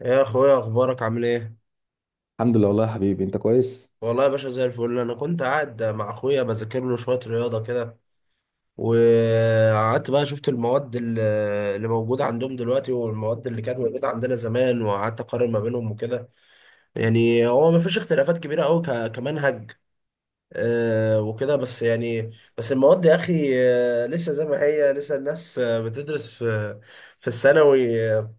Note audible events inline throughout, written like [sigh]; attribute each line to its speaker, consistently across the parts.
Speaker 1: يا اخويا، اخبارك عامل ايه؟
Speaker 2: الحمد لله والله يا حبيبي، انت كويس.
Speaker 1: والله يا باشا زي الفل. انا كنت قاعد مع اخويا بذاكر له شويه رياضه كده، وقعدت بقى شفت المواد اللي موجوده عندهم دلوقتي، والمواد اللي كانت موجوده عندنا زمان، وقعدت اقارن ما بينهم وكده. يعني هو ما فيش اختلافات كبيره قوي كمنهج، وكده بس يعني. بس المواد يا اخي، لسه زي ما هي، لسه الناس بتدرس في الثانوي،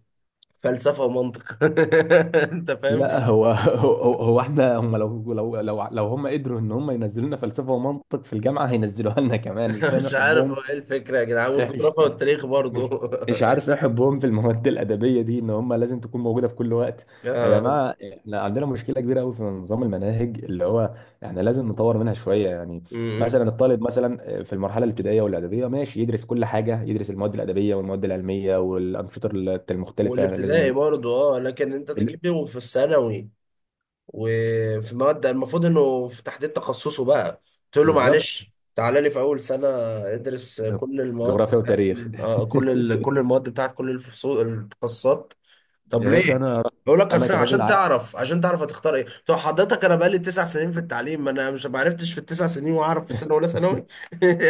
Speaker 1: فلسفه ومنطق. [laughs] انت فاهم.
Speaker 2: لا هو [laughs] هو, هو احنا هم لو هم قدروا ان هم ينزلوا لنا فلسفه ومنطق في الجامعه هينزلوها لنا كمان، مش فاهم
Speaker 1: مش
Speaker 2: ايه
Speaker 1: عارف هو
Speaker 2: حبهم.
Speaker 1: ايه الفكرة يا جدعان،
Speaker 2: إيه،
Speaker 1: والجغرافيا والتاريخ
Speaker 2: مش
Speaker 1: برضه.
Speaker 2: مش
Speaker 1: [laughs]
Speaker 2: عارف ايه حبهم في المواد الادبيه دي ان هم لازم تكون موجوده في كل وقت. يا
Speaker 1: آه،
Speaker 2: جماعه، احنا عندنا مشكله كبيره قوي في نظام المناهج، اللي هو احنا لازم نطور منها شويه يعني.
Speaker 1: أمم.
Speaker 2: مثلا الطالب مثلا في المرحله الابتدائيه والاعداديه، ماشي يدرس كل حاجه، يدرس المواد الادبيه والمواد العلميه والانشطه المختلفه
Speaker 1: والابتدائي
Speaker 2: لازم.
Speaker 1: برضه، اه، لكن انت تجيب لي وفي الثانوي، وفي مواد المفروض انه في تحديد تخصصه بقى. قلت له
Speaker 2: بالظبط،
Speaker 1: معلش تعالى لي في اول سنة ادرس كل المواد
Speaker 2: جغرافيا
Speaker 1: بتاعت
Speaker 2: وتاريخ.
Speaker 1: كل المواد بتاعت كل الفصول التخصصات.
Speaker 2: [laughs]
Speaker 1: طب
Speaker 2: يا
Speaker 1: ليه؟
Speaker 2: باشا،
Speaker 1: بقول لك
Speaker 2: انا
Speaker 1: اصل
Speaker 2: كراجل
Speaker 1: عشان
Speaker 2: عا... [laughs]
Speaker 1: تعرف، هتختار ايه. طب حضرتك انا بقالي 9 سنين في التعليم، ما انا مش ما عرفتش في ال9 سنين، واعرف في سنه ولا ثانوي؟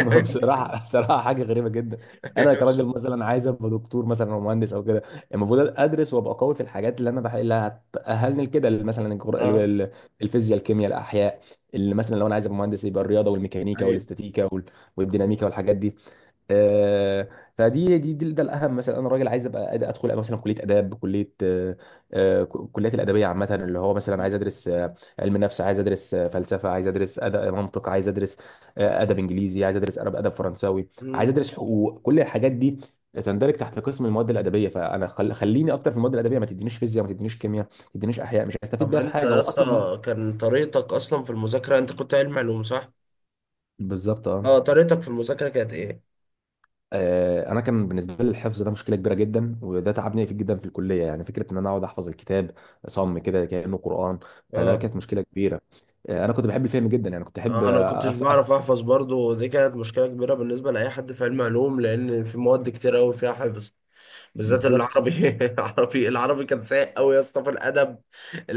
Speaker 2: ما هو بصراحه بصراحه حاجه غريبه جدا. انا كراجل
Speaker 1: [laughs]
Speaker 2: مثلا عايز ابقى دكتور مثلا او مهندس او كده، المفروض ادرس وابقى قوي في الحاجات اللي هتاهلني لكده، اللي مثلا
Speaker 1: اه.
Speaker 2: الفيزياء، الكيمياء، الاحياء. اللي مثلا لو انا عايز ابقى مهندس، يبقى الرياضه والميكانيكا
Speaker 1: ايوه.
Speaker 2: والاستاتيكا والديناميكا والحاجات دي. آه، فدي دي, دي ده الاهم. مثلا انا راجل عايز ابقى ادخل مثلا كليه اداب، كليه كليات الادبيه عامه، اللي هو مثلا عايز ادرس علم نفس، عايز ادرس فلسفه، عايز ادرس أدب، منطق، عايز ادرس ادب انجليزي، عايز ادرس ادب، فرنساوي، عايز
Speaker 1: مم.
Speaker 2: ادرس حقوق. كل الحاجات دي تندرج تحت قسم المواد الادبيه، فانا خليني اكتر في المواد الادبيه، ما تدينيش فيزياء، ما تدينيش كيمياء، ما تدينيش احياء، مش هستفيد
Speaker 1: طب
Speaker 2: بيها في
Speaker 1: انت
Speaker 2: حاجه
Speaker 1: يا
Speaker 2: هو اصلا.
Speaker 1: اسطى، كان طريقتك اصلا في المذاكره، انت كنت علم علوم، صح؟
Speaker 2: بالظبط، اه.
Speaker 1: اه، طريقتك في المذاكره كانت ايه؟
Speaker 2: انا كان بالنسبه لي الحفظ ده مشكله كبيره جدا، وده تعبني في جدا في الكليه يعني، فكره ان انا اقعد احفظ الكتاب صم كده كانه قران. فده
Speaker 1: اه،
Speaker 2: كانت مشكله كبيره. انا كنت بحب الفهم جدا، يعني كنت احب
Speaker 1: انا كنتش بعرف احفظ برضو، ودي كانت مشكله كبيره بالنسبه لاي حد في علم علوم، لان في مواد كتير قوي فيها حفظ، بالذات
Speaker 2: بالظبط.
Speaker 1: العربي. [laughs] العربي كان سيء قوي يا اسطى في الادب،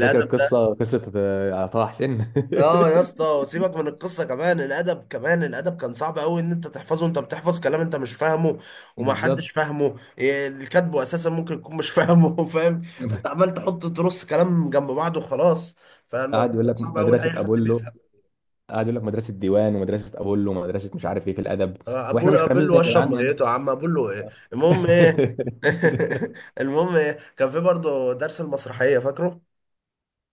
Speaker 2: فاكر القصه، قصه طه حسين.
Speaker 1: اه يا اسطى،
Speaker 2: [laughs]
Speaker 1: وسيبك من القصه، كمان الادب، كان صعب قوي، ان انت تحفظه، انت بتحفظ كلام انت مش فاهمه، وما حدش
Speaker 2: بالظبط،
Speaker 1: فاهمه، اللي كاتبه اساسا ممكن يكون مش فاهمه. [laughs] فاهم؟ انت عمال تحط ترص كلام جنب بعض وخلاص،
Speaker 2: قعد
Speaker 1: فالموضوع
Speaker 2: يقول
Speaker 1: كان
Speaker 2: لك
Speaker 1: صعب قوي لاي
Speaker 2: مدرسه
Speaker 1: حد
Speaker 2: ابولو،
Speaker 1: بيفهم.
Speaker 2: قعد يقول لك مدرسه ديوان ومدرسه ابولو ومدرسه مش عارف ايه في الادب، واحنا
Speaker 1: اقول
Speaker 2: مش
Speaker 1: اقول
Speaker 2: فاهمين
Speaker 1: له
Speaker 2: يا
Speaker 1: اشرب
Speaker 2: جدعان يعني.
Speaker 1: ميته يا عم، اقول له ايه، المهم ايه.
Speaker 2: [laughs]
Speaker 1: [laughs] المهم ايه، كان في برضه درس المسرحيه، فاكره؟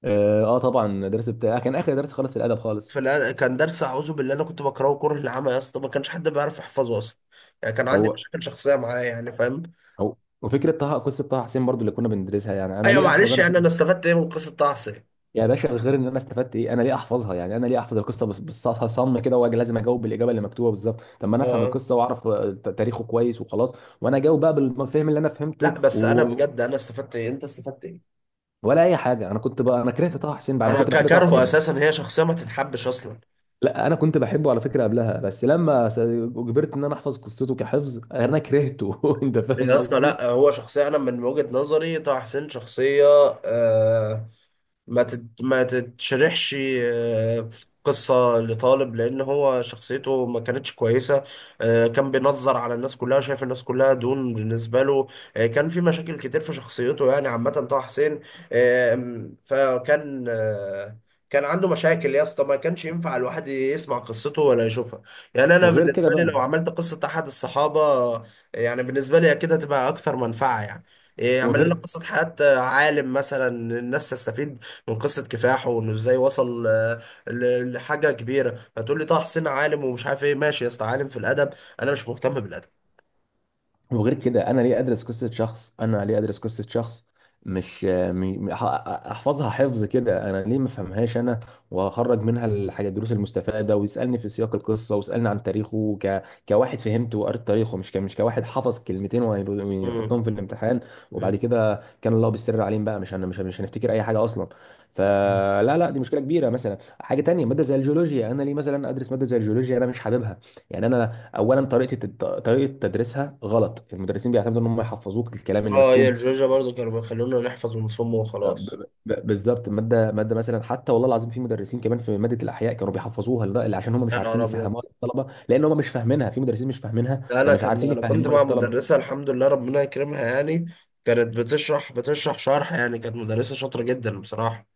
Speaker 2: اه، طبعا درس بتاع كان اخر درس خالص في الادب خالص.
Speaker 1: فلا، كان درس اعوذ بالله، انا كنت بكرهه كره العمى يا اسطى، ما كانش حد بيعرف يحفظه اصلا، يعني كان عندي
Speaker 2: هو،
Speaker 1: مشاكل شخصيه معاه يعني، فاهم.
Speaker 2: وفكره طه، قصه طه حسين برضو اللي كنا بندرسها يعني. انا
Speaker 1: ايوه،
Speaker 2: ليه احفظ
Speaker 1: معلش،
Speaker 2: انا
Speaker 1: يعني انا
Speaker 2: قصة-
Speaker 1: استفدت ايه من قصه طه يعني.
Speaker 2: يا باشا، غير ان انا استفدت ايه، انا ليه احفظها يعني؟ انا ليه احفظ القصه بالصم كده، واجي لازم اجاوب بالاجابه اللي مكتوبه بالظبط؟ طب ما انا افهم
Speaker 1: اه،
Speaker 2: القصه واعرف تاريخه كويس وخلاص، وانا اجاوب بقى بالفهم اللي انا فهمته
Speaker 1: لا بس انا
Speaker 2: و...
Speaker 1: بجد، انا استفدت ايه، انت استفدت ايه؟
Speaker 2: ولا اي حاجه. انا كنت بقى، انا كرهت طه حسين بقى، انا
Speaker 1: انا
Speaker 2: كنت بحب طه
Speaker 1: ككرهه
Speaker 2: حسين.
Speaker 1: اساسا، هي شخصيه ما تتحبش اصلا.
Speaker 2: لا، انا كنت بحبه على فكره قبلها، بس لما اجبرت ان انا احفظ قصته كحفظ، انا كرهته. [laughs] انت
Speaker 1: يا
Speaker 2: فاهم
Speaker 1: اسطى،
Speaker 2: قصدي.
Speaker 1: لا هو شخصيه، انا من وجهه نظري طه حسين شخصيه آه ما تتشرحش. آه، قصة لطالب، لأن هو شخصيته ما كانتش كويسة. كان بينظر على الناس كلها، شايف الناس كلها دون بالنسبة له. كان في مشاكل كتير في شخصيته، يعني عامة طه حسين. آه، فكان آه، كان عنده مشاكل يا اسطى، ما كانش ينفع الواحد يسمع قصته ولا يشوفها. يعني أنا
Speaker 2: وغير كده
Speaker 1: بالنسبة لي
Speaker 2: بقى،
Speaker 1: لو عملت قصة أحد الصحابة، آه، يعني بالنسبة لي أكيد هتبقى أكثر منفعة يعني. اعمل لنا
Speaker 2: وغير
Speaker 1: قصة حياة عالم مثلا، الناس تستفيد، وقصة كفاحه، وانه ازاي وصل لحاجة كبيرة. هتقول لي طه حسين عالم ومش عارف ايه، ماشي يا اسطى، عالم في الأدب، انا مش مهتم بالأدب.
Speaker 2: وغير كده، انا ليه ادرس قصه شخص، انا ليه ادرس قصه شخص، مش م- م- ح- احفظها حفظ كده؟ انا ليه ما افهمهاش، انا واخرج منها الحاجه، الدروس المستفاده، ويسالني في سياق القصه، ويسالني عن تاريخه كواحد فهمت وقريت تاريخه، مش كواحد حفظ كلمتين ويحطهم
Speaker 1: مم.
Speaker 2: في الامتحان، وبعد
Speaker 1: مم.
Speaker 2: كده كان الله بالسر عليهم بقى، مش هنفتكر اي حاجه اصلا. فلا لا، دي مشكله كبيره. مثلا حاجه تانية، ماده زي الجيولوجيا، انا ليه مثلا ادرس ماده زي الجيولوجيا؟ انا مش حاببها يعني، انا اولا طريقه تدريسها غلط، المدرسين بيعتمدوا ان هم يحفظوك الكلام اللي
Speaker 1: اه، هي
Speaker 2: مكتوب.
Speaker 1: الجورجيا برضو كانوا بيخلونا نحفظ ونصم
Speaker 2: آه،
Speaker 1: وخلاص.
Speaker 2: ب- بالظبط، ماده ماده مثلا، حتى والله العظيم في مدرسين كمان في ماده الاحياء كانوا بيحفظوها عشان هم مش
Speaker 1: يا
Speaker 2: عارفين
Speaker 1: نهار أبيض،
Speaker 2: يفهموها للطلبه، لان هم مش فاهمينها. في مدرسين مش فاهمينها،
Speaker 1: انا
Speaker 2: فمش
Speaker 1: كان
Speaker 2: عارفين
Speaker 1: انا كنت
Speaker 2: يفهموها
Speaker 1: مع
Speaker 2: للطلبه.
Speaker 1: مدرسه، الحمد لله ربنا يكرمها يعني، كانت بتشرح شرح، يعني كانت مدرسه شاطره جدا بصراحه.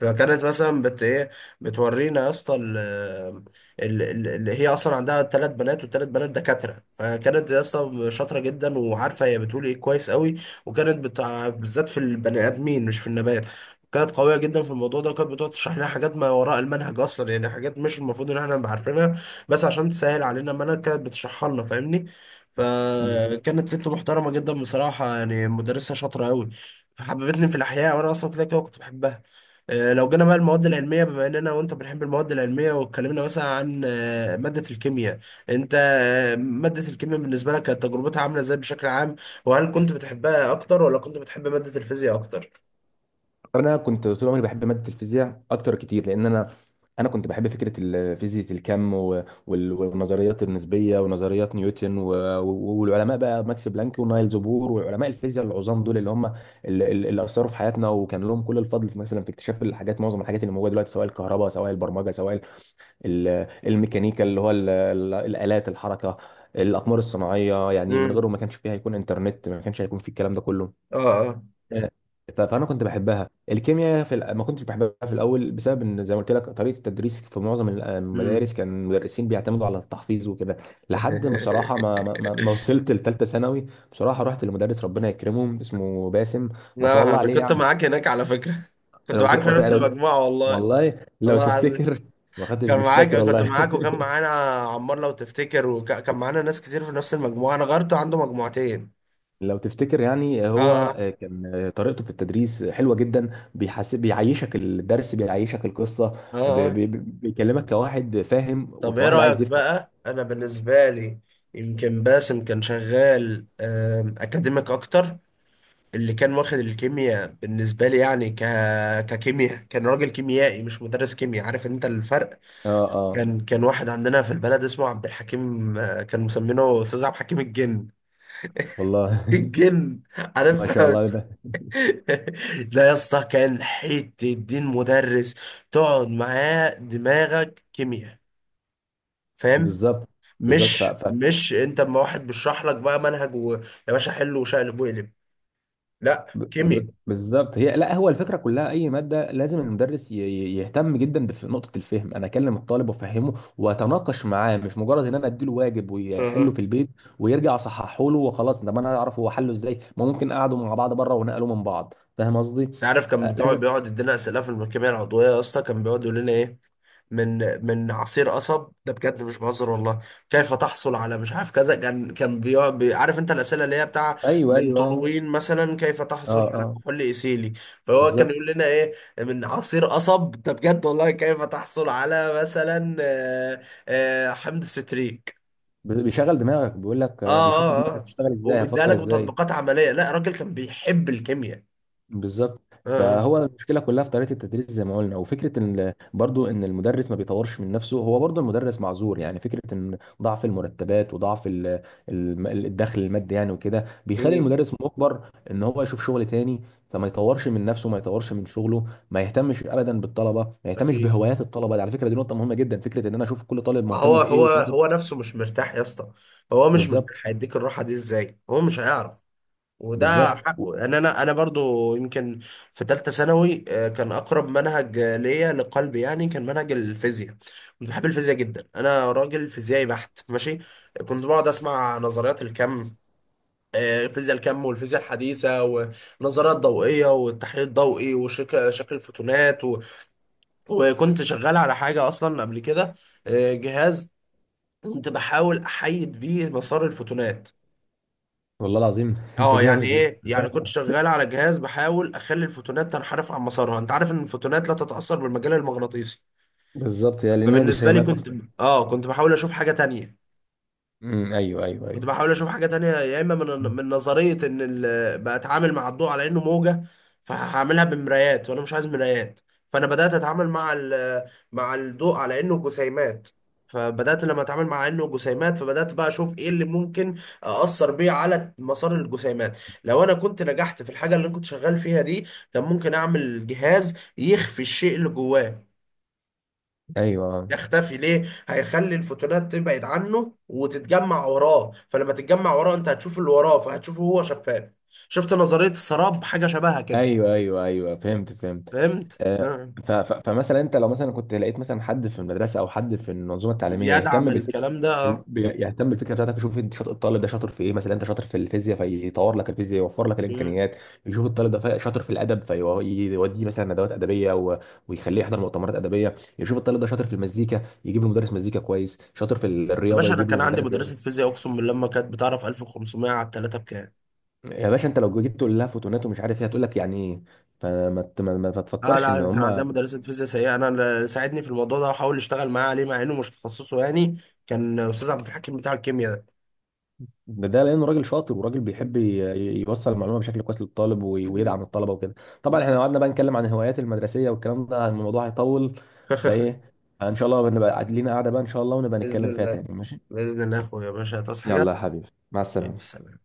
Speaker 1: فكانت مثلا بت ايه بتورينا يا اسطى اللي هي اصلا عندها 3 بنات، وال3 بنات دكاتره. فكانت يا اسطى شاطره جدا، وعارفه هي بتقول ايه كويس قوي. وكانت بتاع بالذات في البني ادمين، مش في النبات، كانت قوية جدا في الموضوع ده. وكانت بتقعد تشرح لنا حاجات ما وراء المنهج أصلا، يعني حاجات مش المفروض إن احنا نبقى عارفينها، بس عشان تسهل علينا، ما انا كانت بتشرحها لنا، فاهمني.
Speaker 2: بالظبط.
Speaker 1: فكانت ست محترمة جدا بصراحة، يعني مدرسة شاطرة أوي. فحببتني في الأحياء، وأنا أصلا كده كده كنت بحبها. لو جينا بقى المواد العلمية، بما إننا وأنت بنحب المواد العلمية، واتكلمنا مثلا عن مادة الكيمياء، أنت مادة الكيمياء بالنسبة لك كانت تجربتها عاملة إزاي بشكل عام، وهل كنت بتحبها أكتر ولا كنت بتحب مادة الفيزياء أكتر؟
Speaker 2: انا كنت طول عمري بحب ماده الفيزياء اكتر كتير، لان انا، انا كنت بحب فكره فيزياء الكم، والنظريات النسبيه ونظريات نيوتن والعلماء بقى، ماكس بلانك ونايلز بور وعلماء الفيزياء العظام دول، اللي هم اللي اثروا في حياتنا، وكان لهم كل الفضل في مثلا في اكتشاف الحاجات، معظم الحاجات اللي موجوده دلوقتي، سواء الكهرباء، سواء البرمجه، سواء ال- الميكانيكا اللي هو الالات الحركه، الاقمار الصناعيه يعني. من
Speaker 1: مم.
Speaker 2: غيرهم ما كانش فيه، هيكون انترنت، ما كانش هيكون في الكلام ده كله.
Speaker 1: آه، آه.
Speaker 2: آه، فانا كنت بحبها. الكيمياء ما كنتش بحبها في الاول، بسبب ان زي ما قلت لك طريقه التدريس في معظم
Speaker 1: مم.
Speaker 2: المدارس كان المدرسين بيعتمدوا على التحفيظ وكده، لحد ما بصراحه، ما
Speaker 1: [laughs]
Speaker 2: وصلت لثالثه ثانوي بصراحه، رحت لمدرس ربنا يكرمه اسمه باسم، ما شاء
Speaker 1: لا،
Speaker 2: الله
Speaker 1: أنا
Speaker 2: عليه
Speaker 1: كنت
Speaker 2: يعني.
Speaker 1: معاك هناك على فكرة. [laughs] كنت معاك في نفس
Speaker 2: لو،
Speaker 1: المجموعة والله.
Speaker 2: والله لو
Speaker 1: الله العظيم،
Speaker 2: تفتكر، ما خدتش،
Speaker 1: كان
Speaker 2: مش
Speaker 1: معاك
Speaker 2: فاكر
Speaker 1: كنت
Speaker 2: والله.
Speaker 1: معاك وكان
Speaker 2: [laughs]
Speaker 1: معانا عمار لو تفتكر، وكان معانا ناس كتير في نفس المجموعة، انا غيرته عنده مجموعتين.
Speaker 2: لو تفتكر يعني،
Speaker 1: اه،
Speaker 2: هو
Speaker 1: اه،
Speaker 2: كان طريقته في التدريس حلوة جدا، بيحس بيعيشك الدرس، بيعيشك القصة،
Speaker 1: اه، اه.
Speaker 2: بيكلمك كواحد فاهم
Speaker 1: طب ايه
Speaker 2: وكواحد
Speaker 1: رأيك
Speaker 2: عايز يفهم.
Speaker 1: بقى، انا بالنسبة لي يمكن باسم كان شغال اكاديميك اكتر، اللي كان واخد الكيمياء بالنسبة لي يعني ككيمياء، كان راجل كيميائي، مش مدرس كيمياء، عارف انت الفرق؟
Speaker 2: اه، اه،
Speaker 1: كان واحد عندنا في البلد اسمه عبد الحكيم، كان مسمينه استاذ عبد الحكيم الجن.
Speaker 2: والله. [laughs]
Speaker 1: الجن،
Speaker 2: ما
Speaker 1: عارف.
Speaker 2: شاء الله
Speaker 1: [laughs]
Speaker 2: ده،
Speaker 1: لا يا اسطى، كان حته الدين مدرس، تقعد معاه دماغك كيمياء، فاهم،
Speaker 2: بالظبط،
Speaker 1: مش
Speaker 2: بالظبط.
Speaker 1: مش انت. اما واحد بيشرح لك بقى منهج يا باشا، حل وشقلب وقلب. لا، كيمياء.
Speaker 2: بالظبط، هي لا، هو الفكره كلها اي ماده لازم المدرس يهتم جدا نقطه الفهم، انا اكلم الطالب وافهمه واتناقش معاه، مش مجرد ان انا اديله واجب ويحله في البيت ويرجع صححه له وخلاص. طب انا اعرف هو حله ازاي؟ ما ممكن قعدوا مع بعض بره ونقلوا من بعض، فاهم قصدي؟
Speaker 1: عارف، كان
Speaker 2: لازم.
Speaker 1: بيقعد يدينا اسئله في الملكيه العضويه يا اسطى، كان بيقعد يقول لنا ايه، من من عصير قصب، ده بجد مش بهزر والله، كيف تحصل على مش عارف كذا. كان بيقعد عارف انت الاسئله اللي هي بتاع
Speaker 2: ايوه،
Speaker 1: من
Speaker 2: ايوه،
Speaker 1: طولوين مثلا، كيف
Speaker 2: اه،
Speaker 1: تحصل على
Speaker 2: اه،
Speaker 1: كحول ايثيلي. فهو كان يقول
Speaker 2: بالظبط،
Speaker 1: لنا ايه، من عصير قصب، ده بجد والله. كيف تحصل على مثلا حمض ستريك.
Speaker 2: بيشغل دماغك، بيقول لك
Speaker 1: اه،
Speaker 2: بيشوف
Speaker 1: اه،
Speaker 2: دماغك
Speaker 1: اه،
Speaker 2: بتشتغل ازاي،
Speaker 1: وبيديها
Speaker 2: هتفكر
Speaker 1: لك
Speaker 2: ازاي.
Speaker 1: بتطبيقات عمليه، لا الراجل كان بيحب الكيمياء.
Speaker 2: بالظبط.
Speaker 1: اه، اه.
Speaker 2: فهو المشكله كلها في طريقه التدريس زي ما قلنا، وفكره ان برضو ان المدرس ما بيطورش من نفسه. هو برضو المدرس معذور يعني، فكره ان ضعف المرتبات وضعف الدخل المادي يعني وكده بيخلي
Speaker 1: مم.
Speaker 2: المدرس مجبر ان هو يشوف شغل تاني، فما يطورش من نفسه، ما يطورش من شغله، ما يهتمش ابدا بالطلبه، ما يهتمش
Speaker 1: اكيد،
Speaker 2: بهوايات الطلبه. دي على فكره دي نقطه مهمه جدا، فكره ان انا اشوف كل طالب
Speaker 1: ما هو
Speaker 2: مهتم بايه
Speaker 1: هو
Speaker 2: وشاطر.
Speaker 1: هو نفسه مش مرتاح يا اسطى، هو مش مرتاح،
Speaker 2: بالظبط،
Speaker 1: هيديك الراحه دي ازاي؟ هو مش هيعرف، وده
Speaker 2: بالظبط.
Speaker 1: حقه يعني. انا برضو يمكن في ثالثه ثانوي كان اقرب منهج ليا لقلبي، يعني كان منهج الفيزياء. كنت بحب الفيزياء جدا، انا راجل فيزيائي بحت، ماشي. كنت بقعد اسمع نظريات الكم، فيزياء الكم والفيزياء الحديثة، ونظريات ضوئية، والتحليل الضوئي، وشكل الفوتونات وكنت شغال على حاجة أصلا قبل كده، جهاز كنت بحاول احيد بيه مسار الفوتونات.
Speaker 2: والله العظيم. [laughs] انت
Speaker 1: اه، يعني
Speaker 2: جامد يا
Speaker 1: ايه يعني،
Speaker 2: اسطى.
Speaker 1: كنت شغال على جهاز بحاول اخلي الفوتونات تنحرف عن مسارها، انت عارف ان الفوتونات لا تتاثر بالمجال المغناطيسي.
Speaker 2: بالظبط، يا لانها
Speaker 1: فبالنسبه لي
Speaker 2: جسيمات
Speaker 1: كنت
Speaker 2: اصلا.
Speaker 1: اه كنت بحاول اشوف حاجه تانية،
Speaker 2: امم، ايوه،
Speaker 1: كنت
Speaker 2: ايوه،
Speaker 1: بحاول اشوف حاجه تانية. يا اما من
Speaker 2: ايوه،
Speaker 1: من نظريه ان بتعامل مع الضوء على انه موجه، فهعملها بمرايات، وانا مش عايز مرايات. فانا بدات اتعامل مع مع الضوء على انه جسيمات. فبدات لما اتعامل مع انه جسيمات، فبدات بقى اشوف ايه اللي ممكن اثر بيه على مسار الجسيمات. لو انا كنت نجحت في الحاجه اللي انا كنت شغال فيها دي، كان ممكن اعمل جهاز يخفي الشيء اللي جواه.
Speaker 2: ايوه،
Speaker 1: يختفي ليه؟ هيخلي الفوتونات تبعد عنه وتتجمع وراه، فلما تتجمع وراه انت هتشوف اللي وراه، فهتشوفه هو شفاف. شفت نظرية السراب، حاجة شبهها كده.
Speaker 2: ايوه، ايوه، ايوه، فهمت فهمت.
Speaker 1: فهمت،
Speaker 2: آه،
Speaker 1: نعم.
Speaker 2: فمثلا انت لو مثلا كنت لقيت مثلا حد في المدرسه او حد في المنظومه التعليميه
Speaker 1: يدعم
Speaker 2: يهتم بالفكره،
Speaker 1: الكلام ده.
Speaker 2: يهتم بالفكره بتاعتك، يشوف انت شاطر. الطالب ده شاطر في ايه؟ مثلا انت شاطر في الفيزياء، فيطور لك الفيزياء، يوفر لك
Speaker 1: مم.
Speaker 2: الامكانيات. يشوف الطالب ده شاطر في الادب، فيوديه مثلا ندوات ادبيه ويخليه يحضر مؤتمرات ادبيه. يشوف الطالب ده شاطر في المزيكا، يجيب له مدرس مزيكا كويس. شاطر في
Speaker 1: يا
Speaker 2: الرياضه،
Speaker 1: باشا، انا
Speaker 2: يجيب له
Speaker 1: كان عندي
Speaker 2: مدرب.
Speaker 1: مدرسة فيزياء اقسم بالله ما كانت بتعرف 1500 على الثلاثة بكام.
Speaker 2: يا باشا انت لو جيت تقول لها فوتونات ومش عارف ايه، هتقول لك يعني ايه؟ فما ت- ما ما
Speaker 1: اه
Speaker 2: تفكرش
Speaker 1: لا،
Speaker 2: ان
Speaker 1: انا كان
Speaker 2: هم.
Speaker 1: عندنا مدرسة فيزياء سيئة، انا اللي ساعدني في الموضوع ده وحاول اشتغل معاه عليه، مع انه مش تخصصه يعني، كان استاذ عبد الحكيم بتاع الكيمياء ده.
Speaker 2: ده لانه راجل شاطر وراجل بيحب يوصل المعلومه بشكل كويس للطالب ويدعم الطلبه وكده.
Speaker 1: مم.
Speaker 2: طبعا احنا لو قعدنا بقى نتكلم عن الهوايات المدرسيه والكلام ده الموضوع هيطول.
Speaker 1: [laughs]
Speaker 2: فايه، ان شاء الله نبقى لينا قاعده بقى ان شاء الله ونبقى
Speaker 1: بإذن
Speaker 2: نتكلم فيها تاني
Speaker 1: الله،
Speaker 2: ماشي.
Speaker 1: بإذن الله يا أخويا، يا باشا تصحى
Speaker 2: يلا
Speaker 1: حاجة.
Speaker 2: يا حبيبي، مع
Speaker 1: يلا،
Speaker 2: السلامه.
Speaker 1: سلام.